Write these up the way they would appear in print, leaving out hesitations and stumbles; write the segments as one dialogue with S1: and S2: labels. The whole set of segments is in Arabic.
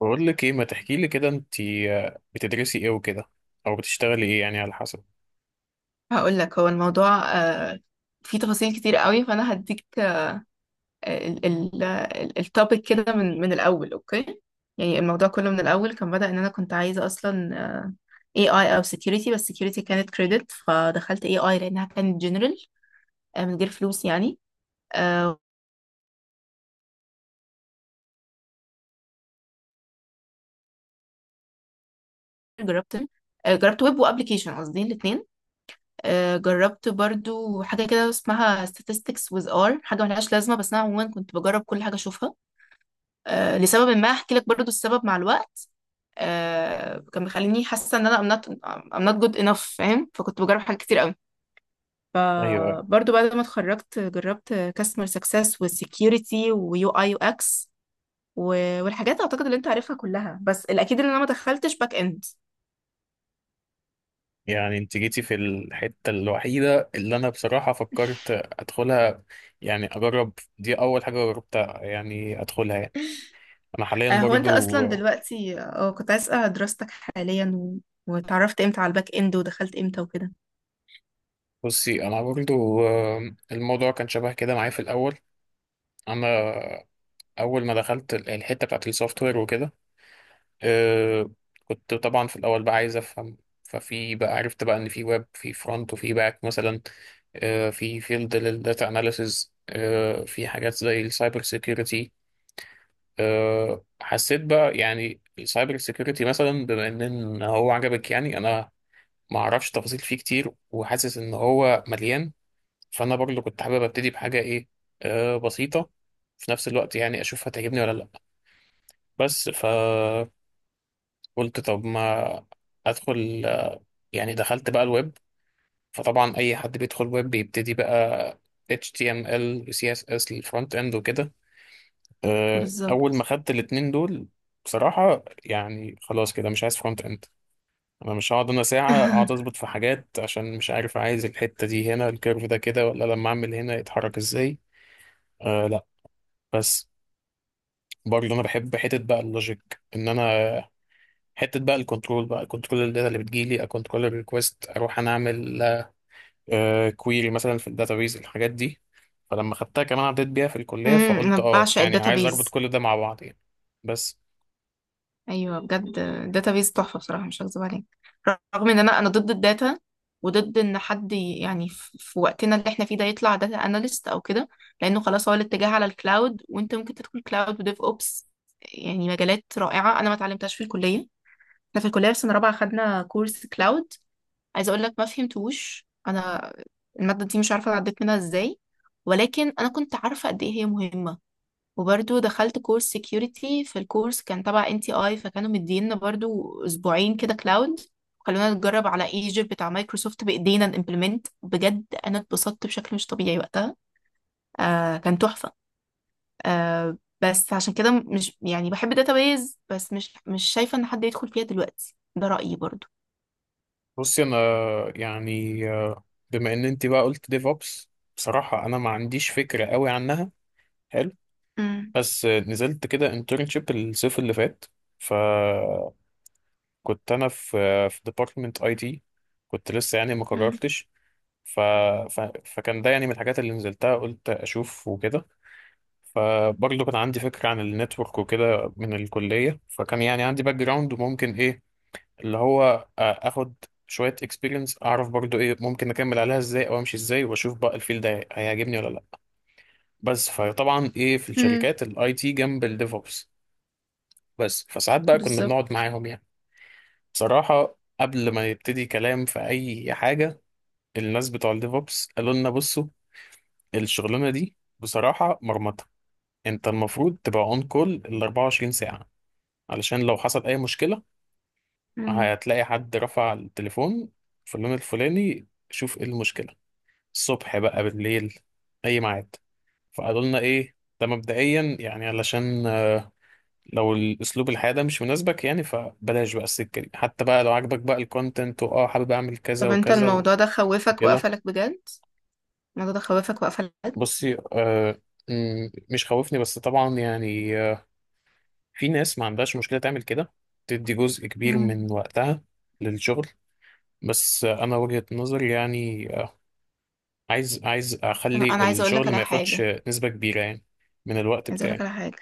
S1: بقول لك ايه، ما تحكي لي كده انت. بتدرسي ايه وكده؟ او بتشتغلي ايه؟ يعني على حسب.
S2: هقول لك هو الموضوع فيه تفاصيل كتير قوي، فانا هديك التوبيك كده من الاول. اوكي، يعني الموضوع كله من الاول كان بدأ ان انا كنت عايزه اصلا اي اي او security. بس security كانت كريدت، فدخلت اي اي لانها كانت جنرال من غير فلوس يعني. آه، جربت جربت ويب وابلكيشن، قصدي الاثنين. جربت برضو حاجه كده اسمها statistics with R، حاجه ملهاش لازمه، بس انا عموما كنت بجرب كل حاجه اشوفها. لسبب ما هحكي لك برضو السبب مع الوقت. كان مخليني حاسه ان انا I'm not good enough فاهم. فكنت بجرب حاجات كتير قوي.
S1: ايوه،
S2: فبرضه بعد ما اتخرجت جربت كاستمر سكسس وسكيورتي ويو اي يو اكس والحاجات اعتقد اللي انت عارفها كلها، بس الاكيد ان انا ما دخلتش باك اند.
S1: يعني انت جيتي في الحته الوحيده اللي انا بصراحه فكرت ادخلها، يعني اجرب. دي اول حاجه جربتها يعني، ادخلها يعني. انا حاليا
S2: هو انت
S1: برضو
S2: اصلا دلوقتي كنت عايز اسال دراستك حاليا و... واتعرفت امتى على الباك اند ودخلت امتى وكده.
S1: بصي. انا برضو الموضوع كان شبه كده معايا في الاول. انا اول ما دخلت الحته بتاعت السوفت وير وكده. آه، كنت طبعا في الاول بقى عايز افهم. ففي بقى عرفت بقى ان في ويب، في فرونت وفي باك مثلا. في فيلد للداتا اناليسز، في حاجات زي السايبر سيكيورتي. حسيت بقى يعني السايبر سيكيورتي مثلا بما ان هو عجبك، يعني انا ما اعرفش تفاصيل فيه كتير وحاسس ان هو مليان. فانا برضه كنت حابب ابتدي بحاجه ايه، بسيطه، في نفس الوقت، يعني اشوف هتعجبني ولا لا. بس فقلت طب ما ادخل، يعني دخلت بقى الويب. فطبعا اي حد بيدخل ويب بيبتدي بقى HTML و CSS للفرونت اند وكده. اول
S2: بالظبط.
S1: ما خدت الاتنين دول بصراحة يعني خلاص كده مش عايز فرونت اند. انا مش هقعد انا ساعة اقعد اظبط في حاجات عشان مش عارف عايز الحتة دي هنا الكيرف ده كده ولا لما اعمل هنا يتحرك ازاي. آه لا. بس برضه انا بحب حتة بقى اللوجيك ان انا حتة بقى الكنترول بقى كنترول الداتا اللي بتجيلي اكنترول الريكوست اروح انا اعمل كويري مثلا في الداتابيز الحاجات دي. فلما خدتها كمان عديت بيها في الكلية
S2: امم،
S1: فقلت
S2: انا
S1: اه،
S2: بعشق
S1: يعني عايز اربط
S2: الداتابيز.
S1: كل ده مع بعض يعني. بس.
S2: ايوه، بجد. داتابيز تحفه بصراحه، مش هكذب عليك. رغم ان انا ضد الداتا، وضد ان حد يعني في وقتنا اللي احنا فيه ده يطلع داتا اناليست او كده. لانه خلاص هو الاتجاه على الكلاود، وانت ممكن تدخل كلاود وديف اوبس. يعني مجالات رائعه، انا ما اتعلمتهاش في الكليه. احنا في الكليه في سنه رابعه خدنا كورس كلاود، عايزه اقول لك ما فهمتوش انا. الماده دي مش عارفه عديت منها ازاي، ولكن انا كنت عارفه قد ايه هي مهمه. وبرضو دخلت كورس سكيورتي، في الكورس كان تبع ان تي اي، فكانوا مدينا برضو اسبوعين كده كلاود. خلونا نتجرب على ايجيبت بتاع مايكروسوفت بايدينا نimplement، بجد انا اتبسطت بشكل مش طبيعي وقتها. كان تحفة. بس عشان كده مش يعني بحب الداتابيز بس، مش مش شايفة ان حد يدخل فيها دلوقتي، ده رأيي برضو.
S1: بصي انا يعني بما ان انت بقى قلت ديف اوبس، بصراحة انا ما عنديش فكرة قوي عنها. حلو.
S2: امم.
S1: بس نزلت كده انترنشيب الصيف اللي فات. فكنت انا في في ديبارتمنت اي تي، كنت لسه يعني ما
S2: امم.
S1: قررتش. ف... فكان ده يعني من الحاجات اللي نزلتها قلت اشوف وكده. فبرضه كان عندي فكرة عن النتورك وكده من الكلية، فكان يعني عندي باك جراوند وممكن ايه اللي هو اخد شوية اكسبيرينس، اعرف برضه ايه ممكن اكمل عليها ازاي او امشي ازاي واشوف بقى الفيلد ده هيعجبني ولا لا. بس فطبعا ايه في
S2: امم.
S1: الشركات الاي تي جنب الديفوبس. بس فساعات بقى كنا
S2: بالظبط.
S1: بنقعد معاهم يعني. بصراحة قبل ما يبتدي كلام في اي حاجة الناس بتوع الديفوبس قالوا لنا بصوا، الشغلانة دي بصراحة مرمطة. انت المفروض تبقى اون كول ال 24 ساعة علشان لو حصل أي مشكلة
S2: امم.
S1: هتلاقي حد رفع التليفون في اللون الفلاني شوف إيه المشكلة، الصبح بقى بالليل أي ميعاد. فقالوا لنا إيه، ده مبدئيا يعني علشان لو الأسلوب الحياة ده مش مناسبك يعني فبلاش بقى السكة دي، حتى بقى لو عاجبك بقى الكونتنت وآه حابب أعمل كذا
S2: طب انت
S1: وكذا
S2: الموضوع ده خوفك
S1: وكده.
S2: وقفلك بجد؟ الموضوع ده خوفك وقفلك بجد؟
S1: بصي آه، مش خوفني، بس طبعا يعني في ناس ما عندهاش مشكلة تعمل كده، تدي جزء كبير
S2: امم.
S1: من وقتها للشغل. بس انا وجهة نظري يعني عايز
S2: انا
S1: اخلي
S2: انا عايزة اقول لك
S1: الشغل
S2: على
S1: ما ياخدش
S2: حاجة.
S1: نسبة كبيرة يعني من الوقت
S2: عايزة اقول لك
S1: بتاعي.
S2: على حاجة.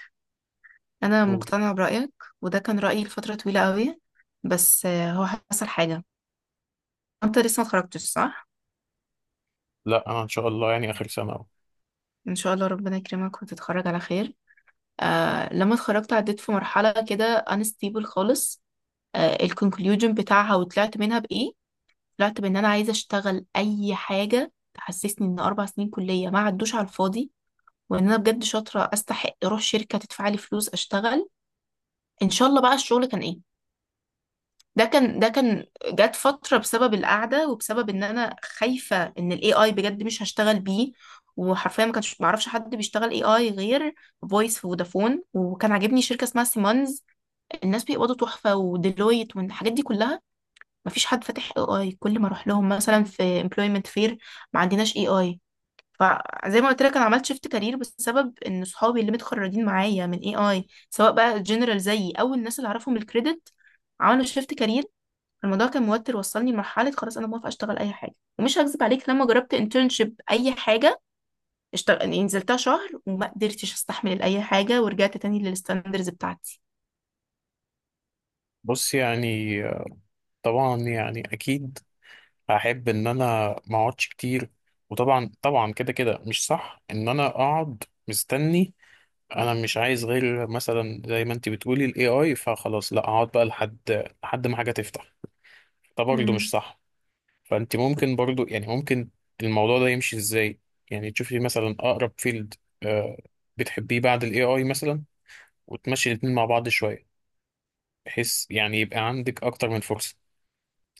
S2: انا
S1: نقول.
S2: مقتنعه برايك، وده كان رايي لفتره طويله قوي. بس هو حصل حاجه. انت لسه ما اتخرجتش، صح؟
S1: لا انا ان شاء الله يعني اخر سنة أهو.
S2: ان شاء الله ربنا يكرمك وتتخرج على خير. لما اتخرجت عديت في مرحله كده unstable خالص. الكونكلوجن بتاعها وطلعت منها بايه؟ طلعت بان انا عايزه اشتغل اي حاجه تحسسني ان 4 سنين كليه ما عدوش على الفاضي. وان انا بجد شاطره استحق اروح شركه تدفع لي فلوس اشتغل. ان شاء الله بقى الشغل كان ايه؟ ده كان جات فترة بسبب القعدة، وبسبب ان انا خايفة ان الاي اي بجد مش هشتغل بيه. وحرفيا ما كانش معرفش حد بيشتغل اي اي غير فويس في فودافون. وكان عاجبني شركة اسمها سيمونز، الناس بيقبضوا تحفة، وديلويت، والحاجات دي كلها. مفيش حد فاتح اي اي، كل ما اروح لهم مثلا في امبلويمنت فير، ما عندناش اي اي. فزي ما قلت لك، انا عملت شيفت كارير بسبب ان صحابي اللي متخرجين معايا من اي اي، سواء بقى جنرال زيي او الناس اللي اعرفهم الكريدت، عملوا شيفت كارير. الموضوع كان موتر، وصلني لمرحلة خلاص أنا موافقة أشتغل أي حاجة. ومش هكذب عليك، لما جربت انترنشيب أي حاجة اشتغل، يعني نزلتها شهر وما قدرتش أستحمل أي حاجة، ورجعت تاني للستاندرز بتاعتي.
S1: بص يعني طبعا يعني اكيد هحب ان انا ما اقعدش كتير. وطبعا طبعا كده كده مش صح ان انا اقعد مستني. انا مش عايز غير مثلا زي ما انت بتقولي الاي اي فخلاص لا اقعد بقى لحد ما حاجة تفتح. ده برضه مش
S2: امم.
S1: صح. فانت ممكن برضو يعني ممكن الموضوع ده يمشي ازاي، يعني تشوفي مثلا اقرب فيلد آه بتحبيه بعد الاي اي مثلا وتمشي الاتنين مع بعض شويه، بحيث يعني يبقى عندك اكتر من فرصه.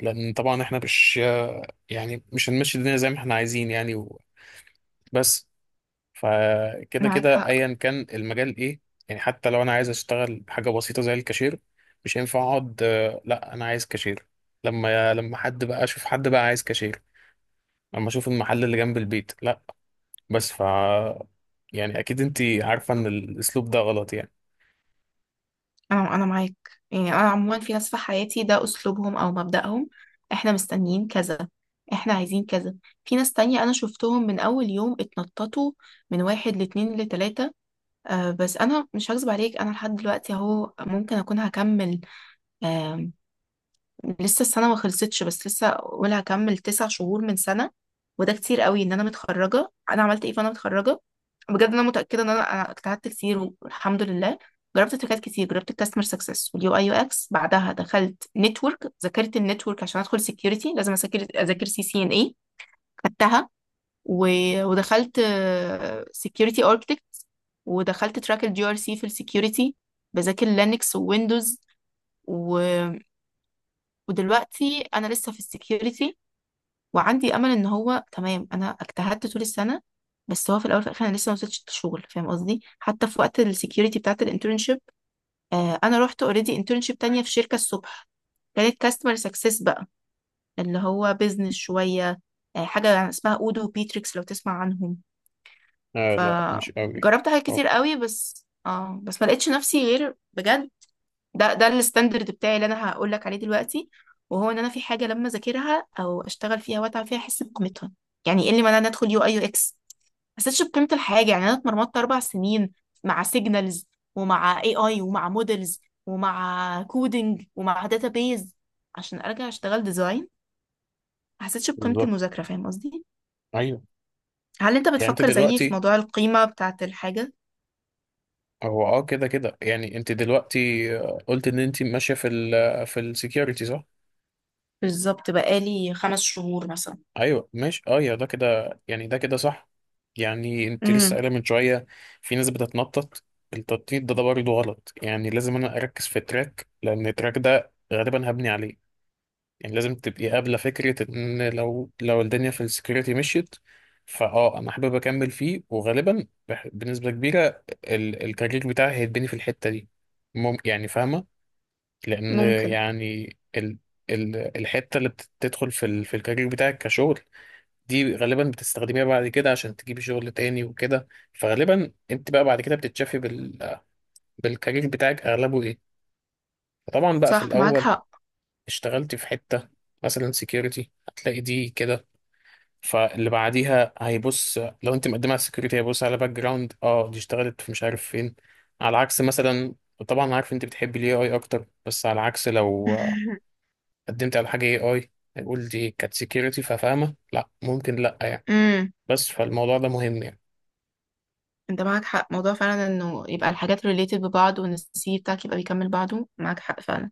S1: لان طبعا احنا مش يعني مش هنمشي الدنيا زي ما احنا عايزين يعني بس. فكده
S2: معاك
S1: كده
S2: حق.
S1: ايا كان المجال ايه، يعني حتى لو انا عايز اشتغل حاجه بسيطه زي الكاشير مش هينفع اقعد لا انا عايز كاشير. لما حد بقى اشوف حد بقى عايز كاشير، لما اشوف المحل اللي جنب البيت لا. بس ف يعني اكيد انت عارفه ان الاسلوب ده غلط يعني.
S2: أنا معاك. يعني أنا عموما في ناس في حياتي ده أسلوبهم أو مبدأهم، إحنا مستنيين كذا، إحنا عايزين كذا. في ناس تانية أنا شفتهم من أول يوم اتنططوا من واحد لاتنين لتلاتة. بس أنا مش هكذب عليك، أنا لحد دلوقتي أهو ممكن أكون هكمل. لسه السنة ما خلصتش، بس لسه أقول هكمل 9 شهور من سنة. وده كتير قوي، إن أنا متخرجة. أنا عملت إيه فأنا متخرجة؟ بجد أنا متأكدة إن أنا اجتهدت كتير والحمد لله. جربت تريكات كتير، جربت الكاستمر سكسس واليو اي يو اكس، بعدها دخلت نتورك، ذاكرت النتورك عشان ادخل سكيورتي، لازم اذاكر سي سي ان اي، خدتها. ودخلت سكيورتي اركتكت. ودخلت تراك الجي ار سي في السكيورتي، بذاكر لينكس وويندوز. ودلوقتي انا لسه في السكيورتي، وعندي امل ان هو تمام، انا اجتهدت طول السنه. بس هو في الاول وفي الاخر انا لسه ما وصلتش للشغل، فاهم قصدي؟ حتى في وقت السكيورتي بتاعت الانترنشيب، انا رحت اوريدي انترنشيب تانية في شركه الصبح. كانت كاستمر سكسس بقى، اللي هو بيزنس شويه. حاجه يعني اسمها اودو وبيتريكس، لو تسمع عنهم.
S1: آه لا، مش قوي.
S2: فجربت حاجات كتير
S1: اه
S2: قوي، بس بس ما لقيتش نفسي غير بجد. ده الستاندرد بتاعي اللي انا هقول لك عليه دلوقتي. وهو ان انا في حاجه لما اذاكرها او اشتغل فيها واتعب فيها، احس بقيمتها. يعني ايه اللي معناه ان ادخل يو اي يو اكس؟ ما حسيتش بقيمه الحاجه. يعني انا اتمرمطت 4 سنين مع سيجنالز ومع اي اي ومع مودلز ومع كودينج ومع داتابيز عشان ارجع اشتغل ديزاين. ما حسيتش بقيمه
S1: بالظبط.
S2: المذاكره، فاهم قصدي؟
S1: ايوه.
S2: هل انت
S1: يعني انت
S2: بتفكر زيي في
S1: دلوقتي،
S2: موضوع القيمه بتاعه الحاجه؟
S1: هو اه كده كده يعني انت دلوقتي قلت ان انت ماشيه في في السكيورتي صح؟
S2: بالظبط، بقالي 5 شهور مثلا.
S1: ايوه ماشي اه يا ده كده يعني ده كده صح. يعني انت لسه
S2: امم.
S1: قايله من شويه في ناس بتتنطط. التنطيط ده برضه غلط، يعني لازم انا اركز في تراك لان التراك ده غالبا هبني عليه. يعني لازم تبقي قابلة فكرة ان لو الدنيا في السكيورتي مشيت فاه انا حابب اكمل فيه، وغالبا بنسبة كبيرة الكارير بتاعي هيتبني في الحتة دي. مم، يعني فاهمة. لان
S2: ممكن.
S1: يعني ال ال الحتة اللي بتدخل في في الكارير بتاعك كشغل دي غالبا بتستخدميها بعد كده عشان تجيبي شغل تاني وكده. فغالبا انت بقى بعد كده بتتشافي بالكارير بتاعك اغلبه ايه. طبعا بقى في
S2: صح، معاك
S1: الاول
S2: حق.
S1: اشتغلتي في حتة مثلا سكيورتي هتلاقي دي كده، فاللي بعديها هيبص لو انت مقدمه على السكيورتي هيبص على باك جراوند اه دي اشتغلت في مش عارف فين. على عكس مثلا، طبعا عارف انت بتحبي الاي اي اكتر، بس على عكس لو قدمت على حاجه اي اي هيقول دي كانت سكيورتي ففاهمه لا ممكن لا يعني.
S2: امم.
S1: بس فالموضوع ده مهم يعني
S2: انت معاك حق، موضوع فعلا انه يبقى الحاجات related ببعض، وان السي في بتاعك يبقى بيكمل بعضه. معاك حق فعلا.